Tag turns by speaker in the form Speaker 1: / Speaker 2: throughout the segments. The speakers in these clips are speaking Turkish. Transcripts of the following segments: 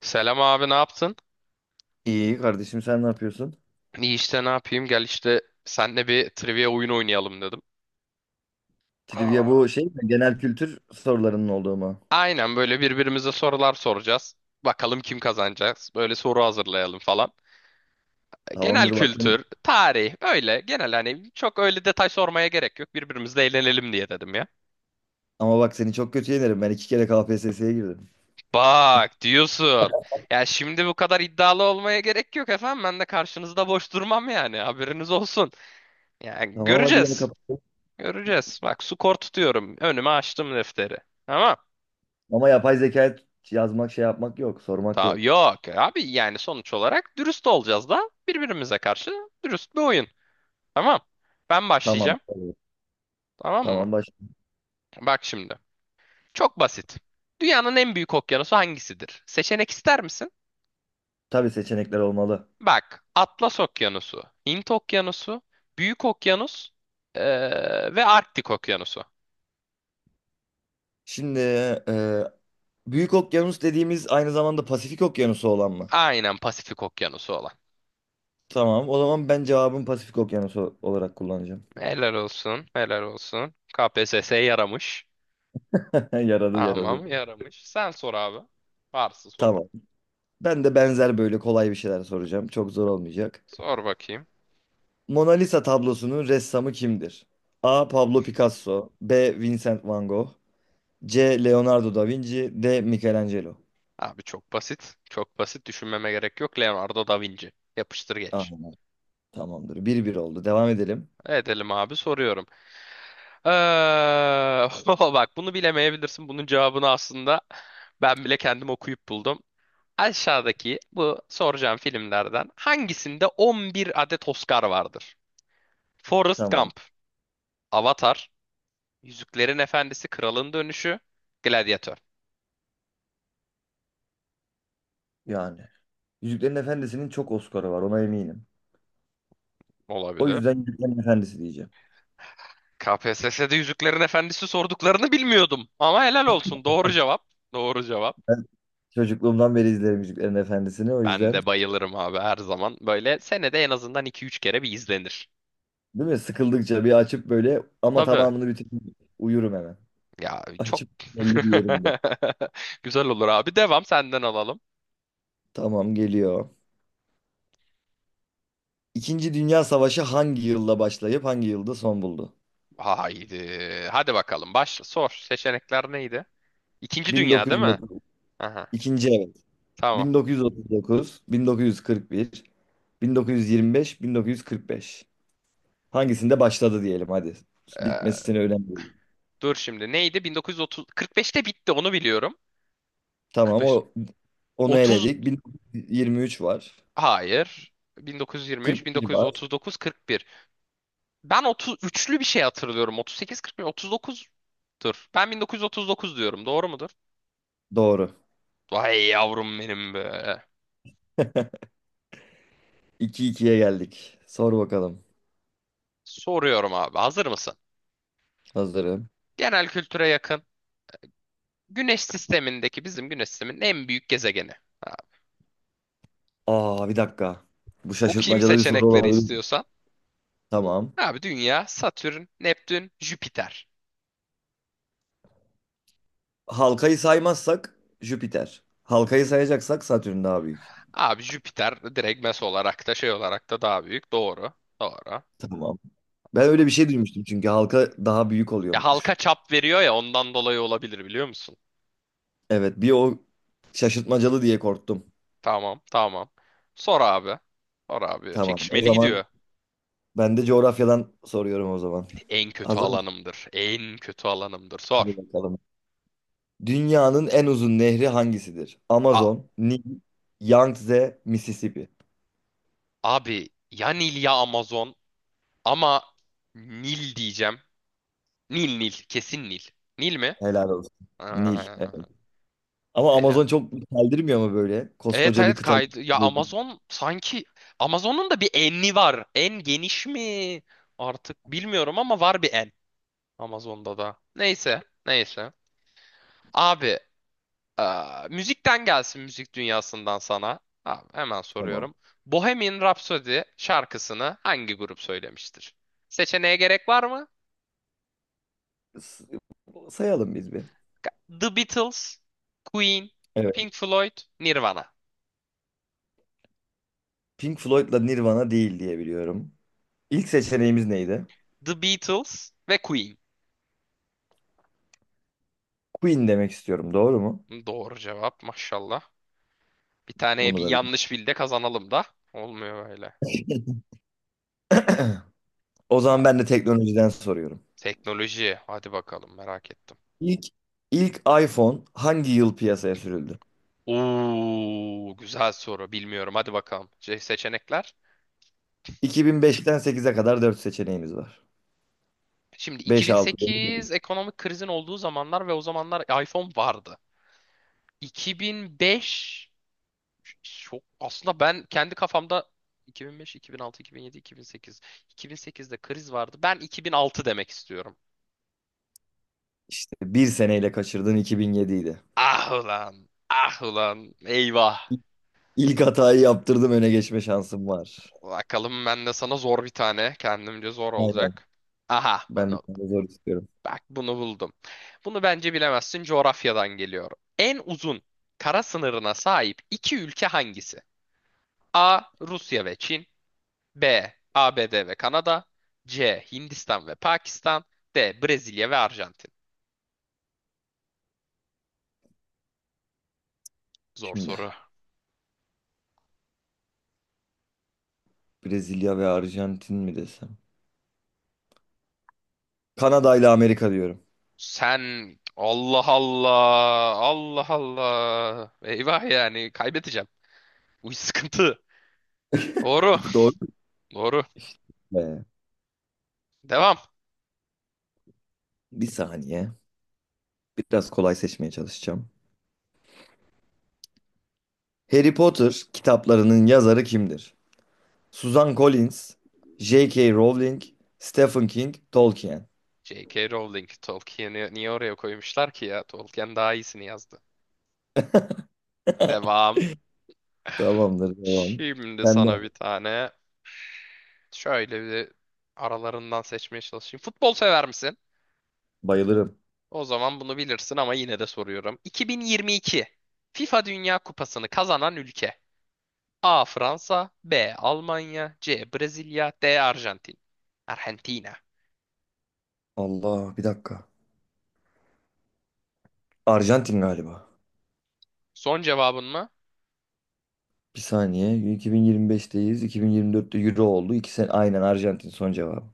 Speaker 1: Selam abi, ne yaptın?
Speaker 2: İyi kardeşim, sen ne yapıyorsun?
Speaker 1: İyi işte, ne yapayım, gel işte senle bir trivia oyunu oynayalım dedim.
Speaker 2: Trivia
Speaker 1: Aa.
Speaker 2: bu şey mi? Genel kültür sorularının olduğu mu?
Speaker 1: Aynen, böyle birbirimize sorular soracağız. Bakalım kim kazanacağız. Böyle soru hazırlayalım falan. Genel
Speaker 2: Tamamdır, bak.
Speaker 1: kültür, tarih, öyle genel, hani çok öyle detay sormaya gerek yok. Birbirimizle eğlenelim diye dedim ya.
Speaker 2: Ama bak, seni çok kötü yenerim. Ben iki kere KPSS'ye girdim.
Speaker 1: Bak, diyorsun. Ya şimdi bu kadar iddialı olmaya gerek yok efendim. Ben de karşınızda boş durmam yani, haberiniz olsun. Yani,
Speaker 2: Tamam, hadi gel
Speaker 1: göreceğiz.
Speaker 2: kapatalım.
Speaker 1: Göreceğiz. Bak, skor tutuyorum. Önüme açtım defteri. Tamam.
Speaker 2: Ama yapay zeka yazmak, şey yapmak yok. Sormak
Speaker 1: Ta
Speaker 2: yok.
Speaker 1: yok abi, yani sonuç olarak dürüst olacağız da birbirimize karşı dürüst bir oyun. Tamam. Ben
Speaker 2: Tamam.
Speaker 1: başlayacağım.
Speaker 2: Tabii.
Speaker 1: Tamam mı?
Speaker 2: Tamam, baş.
Speaker 1: Bak şimdi. Çok basit. Dünyanın en büyük okyanusu hangisidir? Seçenek ister misin?
Speaker 2: Tabii, seçenekler olmalı.
Speaker 1: Bak. Atlas Okyanusu, Hint Okyanusu, Büyük Okyanus ve Arktik Okyanusu.
Speaker 2: Şimdi e, Büyük Okyanus dediğimiz aynı zamanda Pasifik Okyanusu olan mı?
Speaker 1: Aynen, Pasifik Okyanusu olan.
Speaker 2: Tamam, o zaman ben cevabım Pasifik Okyanusu olarak kullanacağım.
Speaker 1: Helal olsun, helal olsun. KPSS yaramış.
Speaker 2: Yaradı,
Speaker 1: Tamam,
Speaker 2: yaradı.
Speaker 1: yaramış. Sen sor abi. Varsa soralım.
Speaker 2: Tamam. Ben de benzer böyle kolay bir şeyler soracağım. Çok zor olmayacak.
Speaker 1: Sor bakayım.
Speaker 2: Mona Lisa tablosunun ressamı kimdir? A. Pablo Picasso, B. Vincent Van Gogh, C. Leonardo da Vinci, D. Michelangelo.
Speaker 1: Abi çok basit. Çok basit, düşünmeme gerek yok. Leonardo da Vinci. Yapıştır
Speaker 2: Ah,
Speaker 1: geç.
Speaker 2: tamamdır. 1-1 oldu. Devam edelim.
Speaker 1: Edelim abi, soruyorum. Ee, Bak, bunu bilemeyebilirsin. Bunun cevabını aslında ben bile kendim okuyup buldum. Aşağıdaki bu soracağım filmlerden hangisinde 11 adet Oscar vardır? Forrest
Speaker 2: Tamam.
Speaker 1: Gump, Avatar, Yüzüklerin Efendisi, Kralın Dönüşü, Gladiator.
Speaker 2: Yani. Yüzüklerin Efendisi'nin çok Oscar'ı var, ona eminim. O
Speaker 1: Olabilir.
Speaker 2: yüzden Yüzüklerin Efendisi diyeceğim.
Speaker 1: KPSS'de Yüzüklerin Efendisi sorduklarını bilmiyordum. Ama helal olsun. Doğru cevap. Doğru cevap.
Speaker 2: Ben çocukluğumdan beri izlerim Yüzüklerin Efendisi'ni, o
Speaker 1: Ben
Speaker 2: yüzden.
Speaker 1: de bayılırım abi, her zaman. Böyle senede en azından iki üç kere bir izlenir.
Speaker 2: Değil mi? Sıkıldıkça bir açıp böyle, ama
Speaker 1: Tabii.
Speaker 2: tamamını bitirip uyurum hemen.
Speaker 1: Ya çok
Speaker 2: Açıp belli bir yerimde.
Speaker 1: güzel olur abi. Devam, senden alalım.
Speaker 2: Tamam, geliyor. İkinci Dünya Savaşı hangi yılda başlayıp hangi yılda son buldu?
Speaker 1: Haydi. Hadi bakalım. Başla. Sor. Seçenekler neydi? İkinci Dünya, değil mi?
Speaker 2: 1930.
Speaker 1: Aha.
Speaker 2: İkinci, evet.
Speaker 1: Tamam.
Speaker 2: 1939, 1941, 1925, 1945. Hangisinde başladı diyelim hadi.
Speaker 1: Ee,
Speaker 2: Bitmesine önemli değil.
Speaker 1: Dur şimdi. Neydi? 1930, 45'te bitti, onu biliyorum.
Speaker 2: Tamam,
Speaker 1: 45,
Speaker 2: o onu
Speaker 1: 30.
Speaker 2: eledik. 1923 var.
Speaker 1: Hayır. 1923,
Speaker 2: 41 var.
Speaker 1: 1939, 41. Ben 33'lü bir şey hatırlıyorum. 38, 41, 39'dur. Ben 1939 diyorum. Doğru mudur?
Speaker 2: Doğru.
Speaker 1: Vay yavrum benim be.
Speaker 2: 2 ikiye geldik. Sor bakalım.
Speaker 1: Soruyorum abi. Hazır mısın?
Speaker 2: Hazırım.
Speaker 1: Genel kültüre yakın. Güneş sistemindeki, bizim güneş sisteminin en büyük gezegeni. Ha,
Speaker 2: Aa, bir dakika. Bu
Speaker 1: okuyayım
Speaker 2: şaşırtmacalı bir soru
Speaker 1: seçenekleri
Speaker 2: olabilir.
Speaker 1: istiyorsan.
Speaker 2: Tamam.
Speaker 1: Abi, Dünya, Satürn, Neptün, Jüpiter.
Speaker 2: Halkayı saymazsak Jüpiter. Halkayı sayacaksak Satürn daha büyük.
Speaker 1: Abi Jüpiter direkt, mes olarak da şey olarak da daha büyük. Doğru. Doğru.
Speaker 2: Tamam. Ben öyle
Speaker 1: Doğru.
Speaker 2: bir şey duymuştum çünkü halka daha büyük
Speaker 1: Ya
Speaker 2: oluyormuş.
Speaker 1: halka çap veriyor, ya ondan dolayı olabilir, biliyor musun?
Speaker 2: Evet, bir o şaşırtmacalı diye korktum.
Speaker 1: Tamam, tamam. Sor abi. Sor abi.
Speaker 2: Tamam. O
Speaker 1: Çekişmeli
Speaker 2: zaman
Speaker 1: gidiyor.
Speaker 2: ben de coğrafyadan soruyorum o zaman.
Speaker 1: En kötü
Speaker 2: Hazır mısın?
Speaker 1: alanımdır. En kötü alanımdır.
Speaker 2: Hadi
Speaker 1: Sor.
Speaker 2: bakalım. Dünyanın en uzun nehri hangisidir?
Speaker 1: A-
Speaker 2: Amazon, Nil, Yangtze, Mississippi.
Speaker 1: Abi, ya Nil ya Amazon, ama Nil diyeceğim. Nil Nil. Kesin Nil. Nil mi?
Speaker 2: Helal olsun. Nil.
Speaker 1: Aa,
Speaker 2: Evet. Ama
Speaker 1: Ela.
Speaker 2: Amazon çok deldirmiyor mu böyle?
Speaker 1: Evet
Speaker 2: Koskoca bir
Speaker 1: evet,
Speaker 2: kıta.
Speaker 1: kaydı. Ya Amazon sanki, Amazon'un da bir enli var. En geniş mi? Artık bilmiyorum ama var bir en. Amazon'da da. Neyse. Neyse. Abi, müzikten gelsin, müzik dünyasından sana. Abi, hemen
Speaker 2: Tamam.
Speaker 1: soruyorum. Bohemian Rhapsody şarkısını hangi grup söylemiştir? Seçeneğe gerek var mı?
Speaker 2: S- Sayalım biz bir.
Speaker 1: The Beatles, Queen,
Speaker 2: Evet.
Speaker 1: Pink Floyd, Nirvana.
Speaker 2: Pink Floyd'la Nirvana değil diye biliyorum. İlk seçeneğimiz neydi?
Speaker 1: The Beatles ve Queen.
Speaker 2: Queen demek istiyorum. Doğru mu?
Speaker 1: Doğru cevap, maşallah. Bir taneye
Speaker 2: Bunu
Speaker 1: bir
Speaker 2: da bil.
Speaker 1: yanlış bildi, kazanalım da. Olmuyor böyle.
Speaker 2: O zaman
Speaker 1: Ha,
Speaker 2: ben de teknolojiden soruyorum.
Speaker 1: teknoloji. Hadi bakalım, merak ettim.
Speaker 2: İlk ilk iPhone hangi yıl piyasaya sürüldü?
Speaker 1: Oo, güzel soru. Bilmiyorum. Hadi bakalım. Seçenekler.
Speaker 2: 2005'ten 8'e kadar 4 seçeneğimiz var.
Speaker 1: Şimdi
Speaker 2: 5 6 7.
Speaker 1: 2008 ekonomik krizin olduğu zamanlar ve o zamanlar iPhone vardı. 2005 çok, aslında ben kendi kafamda 2005, 2006, 2007, 2008. 2008'de kriz vardı. Ben 2006 demek istiyorum.
Speaker 2: İşte bir seneyle kaçırdığın 2007'ydi.
Speaker 1: Ah ulan. Ah ulan. Eyvah.
Speaker 2: İlk hatayı yaptırdım, öne geçme şansım var.
Speaker 1: Bakalım, ben de sana zor bir tane. Kendimce zor
Speaker 2: Aynen.
Speaker 1: olacak. Aha,
Speaker 2: Ben bir
Speaker 1: bunu,
Speaker 2: tane zor istiyorum.
Speaker 1: bak, bunu buldum. Bunu bence bilemezsin. Coğrafyadan geliyor. En uzun kara sınırına sahip iki ülke hangisi? A. Rusya ve Çin. B. ABD ve Kanada. C. Hindistan ve Pakistan. D. Brezilya ve Arjantin. Zor
Speaker 2: Şimdi
Speaker 1: soru.
Speaker 2: Brezilya ve Arjantin mi desem? Kanada ile Amerika diyorum.
Speaker 1: Sen. Allah Allah. Allah Allah. Eyvah, yani kaybedeceğim. Bu sıkıntı. Doğru.
Speaker 2: Bu doğru mu?
Speaker 1: Doğru.
Speaker 2: Ee,
Speaker 1: Devam.
Speaker 2: Bir saniye. Biraz kolay seçmeye çalışacağım. Harry Potter kitaplarının yazarı kimdir? Suzan Collins, J.K. Rowling, Stephen King, Tolkien.
Speaker 1: J.K. Rowling. Tolkien'i niye oraya koymuşlar ki ya? Tolkien daha iyisini yazdı. Devam.
Speaker 2: Tamamdır, devam.
Speaker 1: Şimdi
Speaker 2: Ben de.
Speaker 1: sana bir tane şöyle bir, aralarından seçmeye çalışayım. Futbol sever misin?
Speaker 2: Bayılırım.
Speaker 1: O zaman bunu bilirsin ama yine de soruyorum. 2022 FIFA Dünya Kupası'nı kazanan ülke. A. Fransa, B. Almanya, C. Brezilya, D. Arjantin. Arjantina.
Speaker 2: Allah, bir dakika. Arjantin galiba.
Speaker 1: Son cevabın mı?
Speaker 2: Bir saniye. 2025'teyiz. 2024'te Euro oldu. 2 sene aynen, Arjantin son cevabı.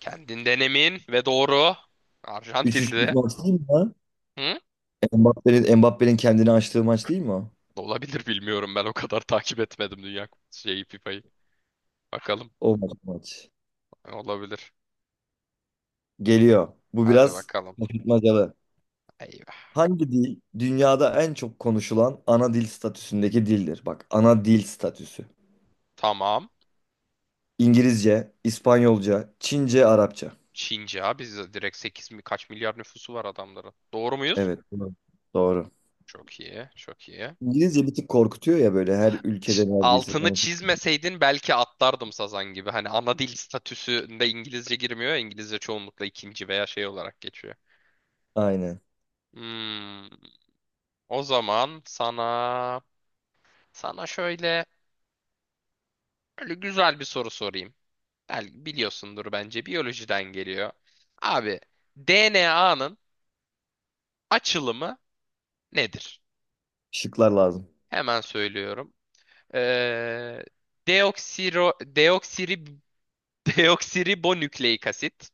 Speaker 1: Kendinden emin ve doğru.
Speaker 2: 3-3'lük
Speaker 1: Arjantin'di.
Speaker 2: maç değil mi lan?
Speaker 1: Hı?
Speaker 2: Mbappe'nin kendini açtığı maç değil mi o?
Speaker 1: Olabilir, bilmiyorum, ben o kadar takip etmedim Dünya Kupası şeyi, FIFA'yı. Bakalım,
Speaker 2: O maç.
Speaker 1: olabilir.
Speaker 2: Geliyor. Bu
Speaker 1: Hadi
Speaker 2: biraz
Speaker 1: bakalım.
Speaker 2: şaşırtmacalı.
Speaker 1: Eyvah.
Speaker 2: Hangi dil dünyada en çok konuşulan ana dil statüsündeki dildir? Bak, ana dil statüsü.
Speaker 1: Tamam.
Speaker 2: İngilizce, İspanyolca, Çince, Arapça.
Speaker 1: Çince abi, biz direkt 8 mi kaç milyar nüfusu var adamların. Doğru muyuz?
Speaker 2: Evet, doğru.
Speaker 1: Çok iyi, çok iyi.
Speaker 2: İngilizce bir tık korkutuyor ya, böyle her ülkede
Speaker 1: ş-
Speaker 2: neredeyse
Speaker 1: altını
Speaker 2: konuşuyor.
Speaker 1: çizmeseydin belki atlardım sazan gibi. Hani ana dil statüsünde İngilizce girmiyor ya, İngilizce çoğunlukla ikinci veya şey olarak geçiyor.
Speaker 2: Aynen.
Speaker 1: Hmm, O zaman sana şöyle böyle güzel bir soru sorayım. Belki biliyorsundur, bence biyolojiden geliyor. Abi, DNA'nın açılımı nedir?
Speaker 2: Şıklar lazım.
Speaker 1: Hemen söylüyorum. Ee, deoksiro, deoksiri, Deoksiribonükleik asit.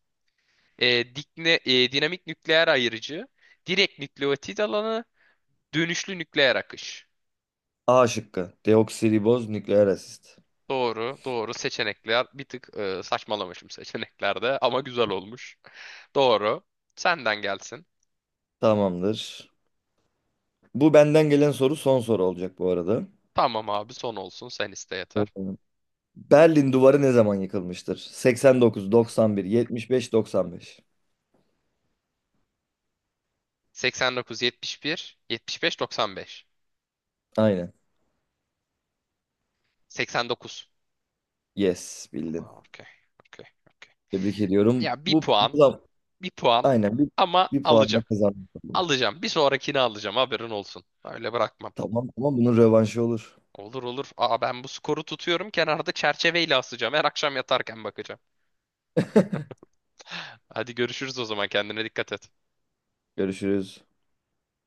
Speaker 1: Dinamik nükleer ayırıcı, direkt nükleotit alanı, dönüşlü nükleer akış.
Speaker 2: A şıkkı. Deoksiriboz nükleer asit.
Speaker 1: Doğru, doğru. Seçenekler bir tık, saçmalamışım seçeneklerde ama güzel olmuş. Doğru. Senden gelsin.
Speaker 2: Tamamdır. Bu benden gelen soru son soru olacak bu arada.
Speaker 1: Tamam abi, son olsun, sen iste
Speaker 2: Evet.
Speaker 1: yeter.
Speaker 2: Berlin Duvarı ne zaman yıkılmıştır? 89, 91, 75, 95.
Speaker 1: 89, 71, 75, 95.
Speaker 2: Aynen.
Speaker 1: 89.
Speaker 2: Yes, bildin.
Speaker 1: Aa, okey. Okey. Okey.
Speaker 2: Tebrik ediyorum.
Speaker 1: Ya bir
Speaker 2: Bu
Speaker 1: puan,
Speaker 2: da
Speaker 1: bir puan
Speaker 2: aynen bir,
Speaker 1: ama
Speaker 2: bir puanla
Speaker 1: alacağım.
Speaker 2: kazandım.
Speaker 1: Alacağım. Bir sonrakini alacağım. Haberin olsun. Öyle bırakmam.
Speaker 2: Tamam, ama bunun rövanşı olur.
Speaker 1: Olur olur. Aa, ben bu skoru tutuyorum. Kenarda çerçeveyle asacağım. Her akşam yatarken bakacağım. Hadi görüşürüz o zaman. Kendine dikkat et.
Speaker 2: Görüşürüz.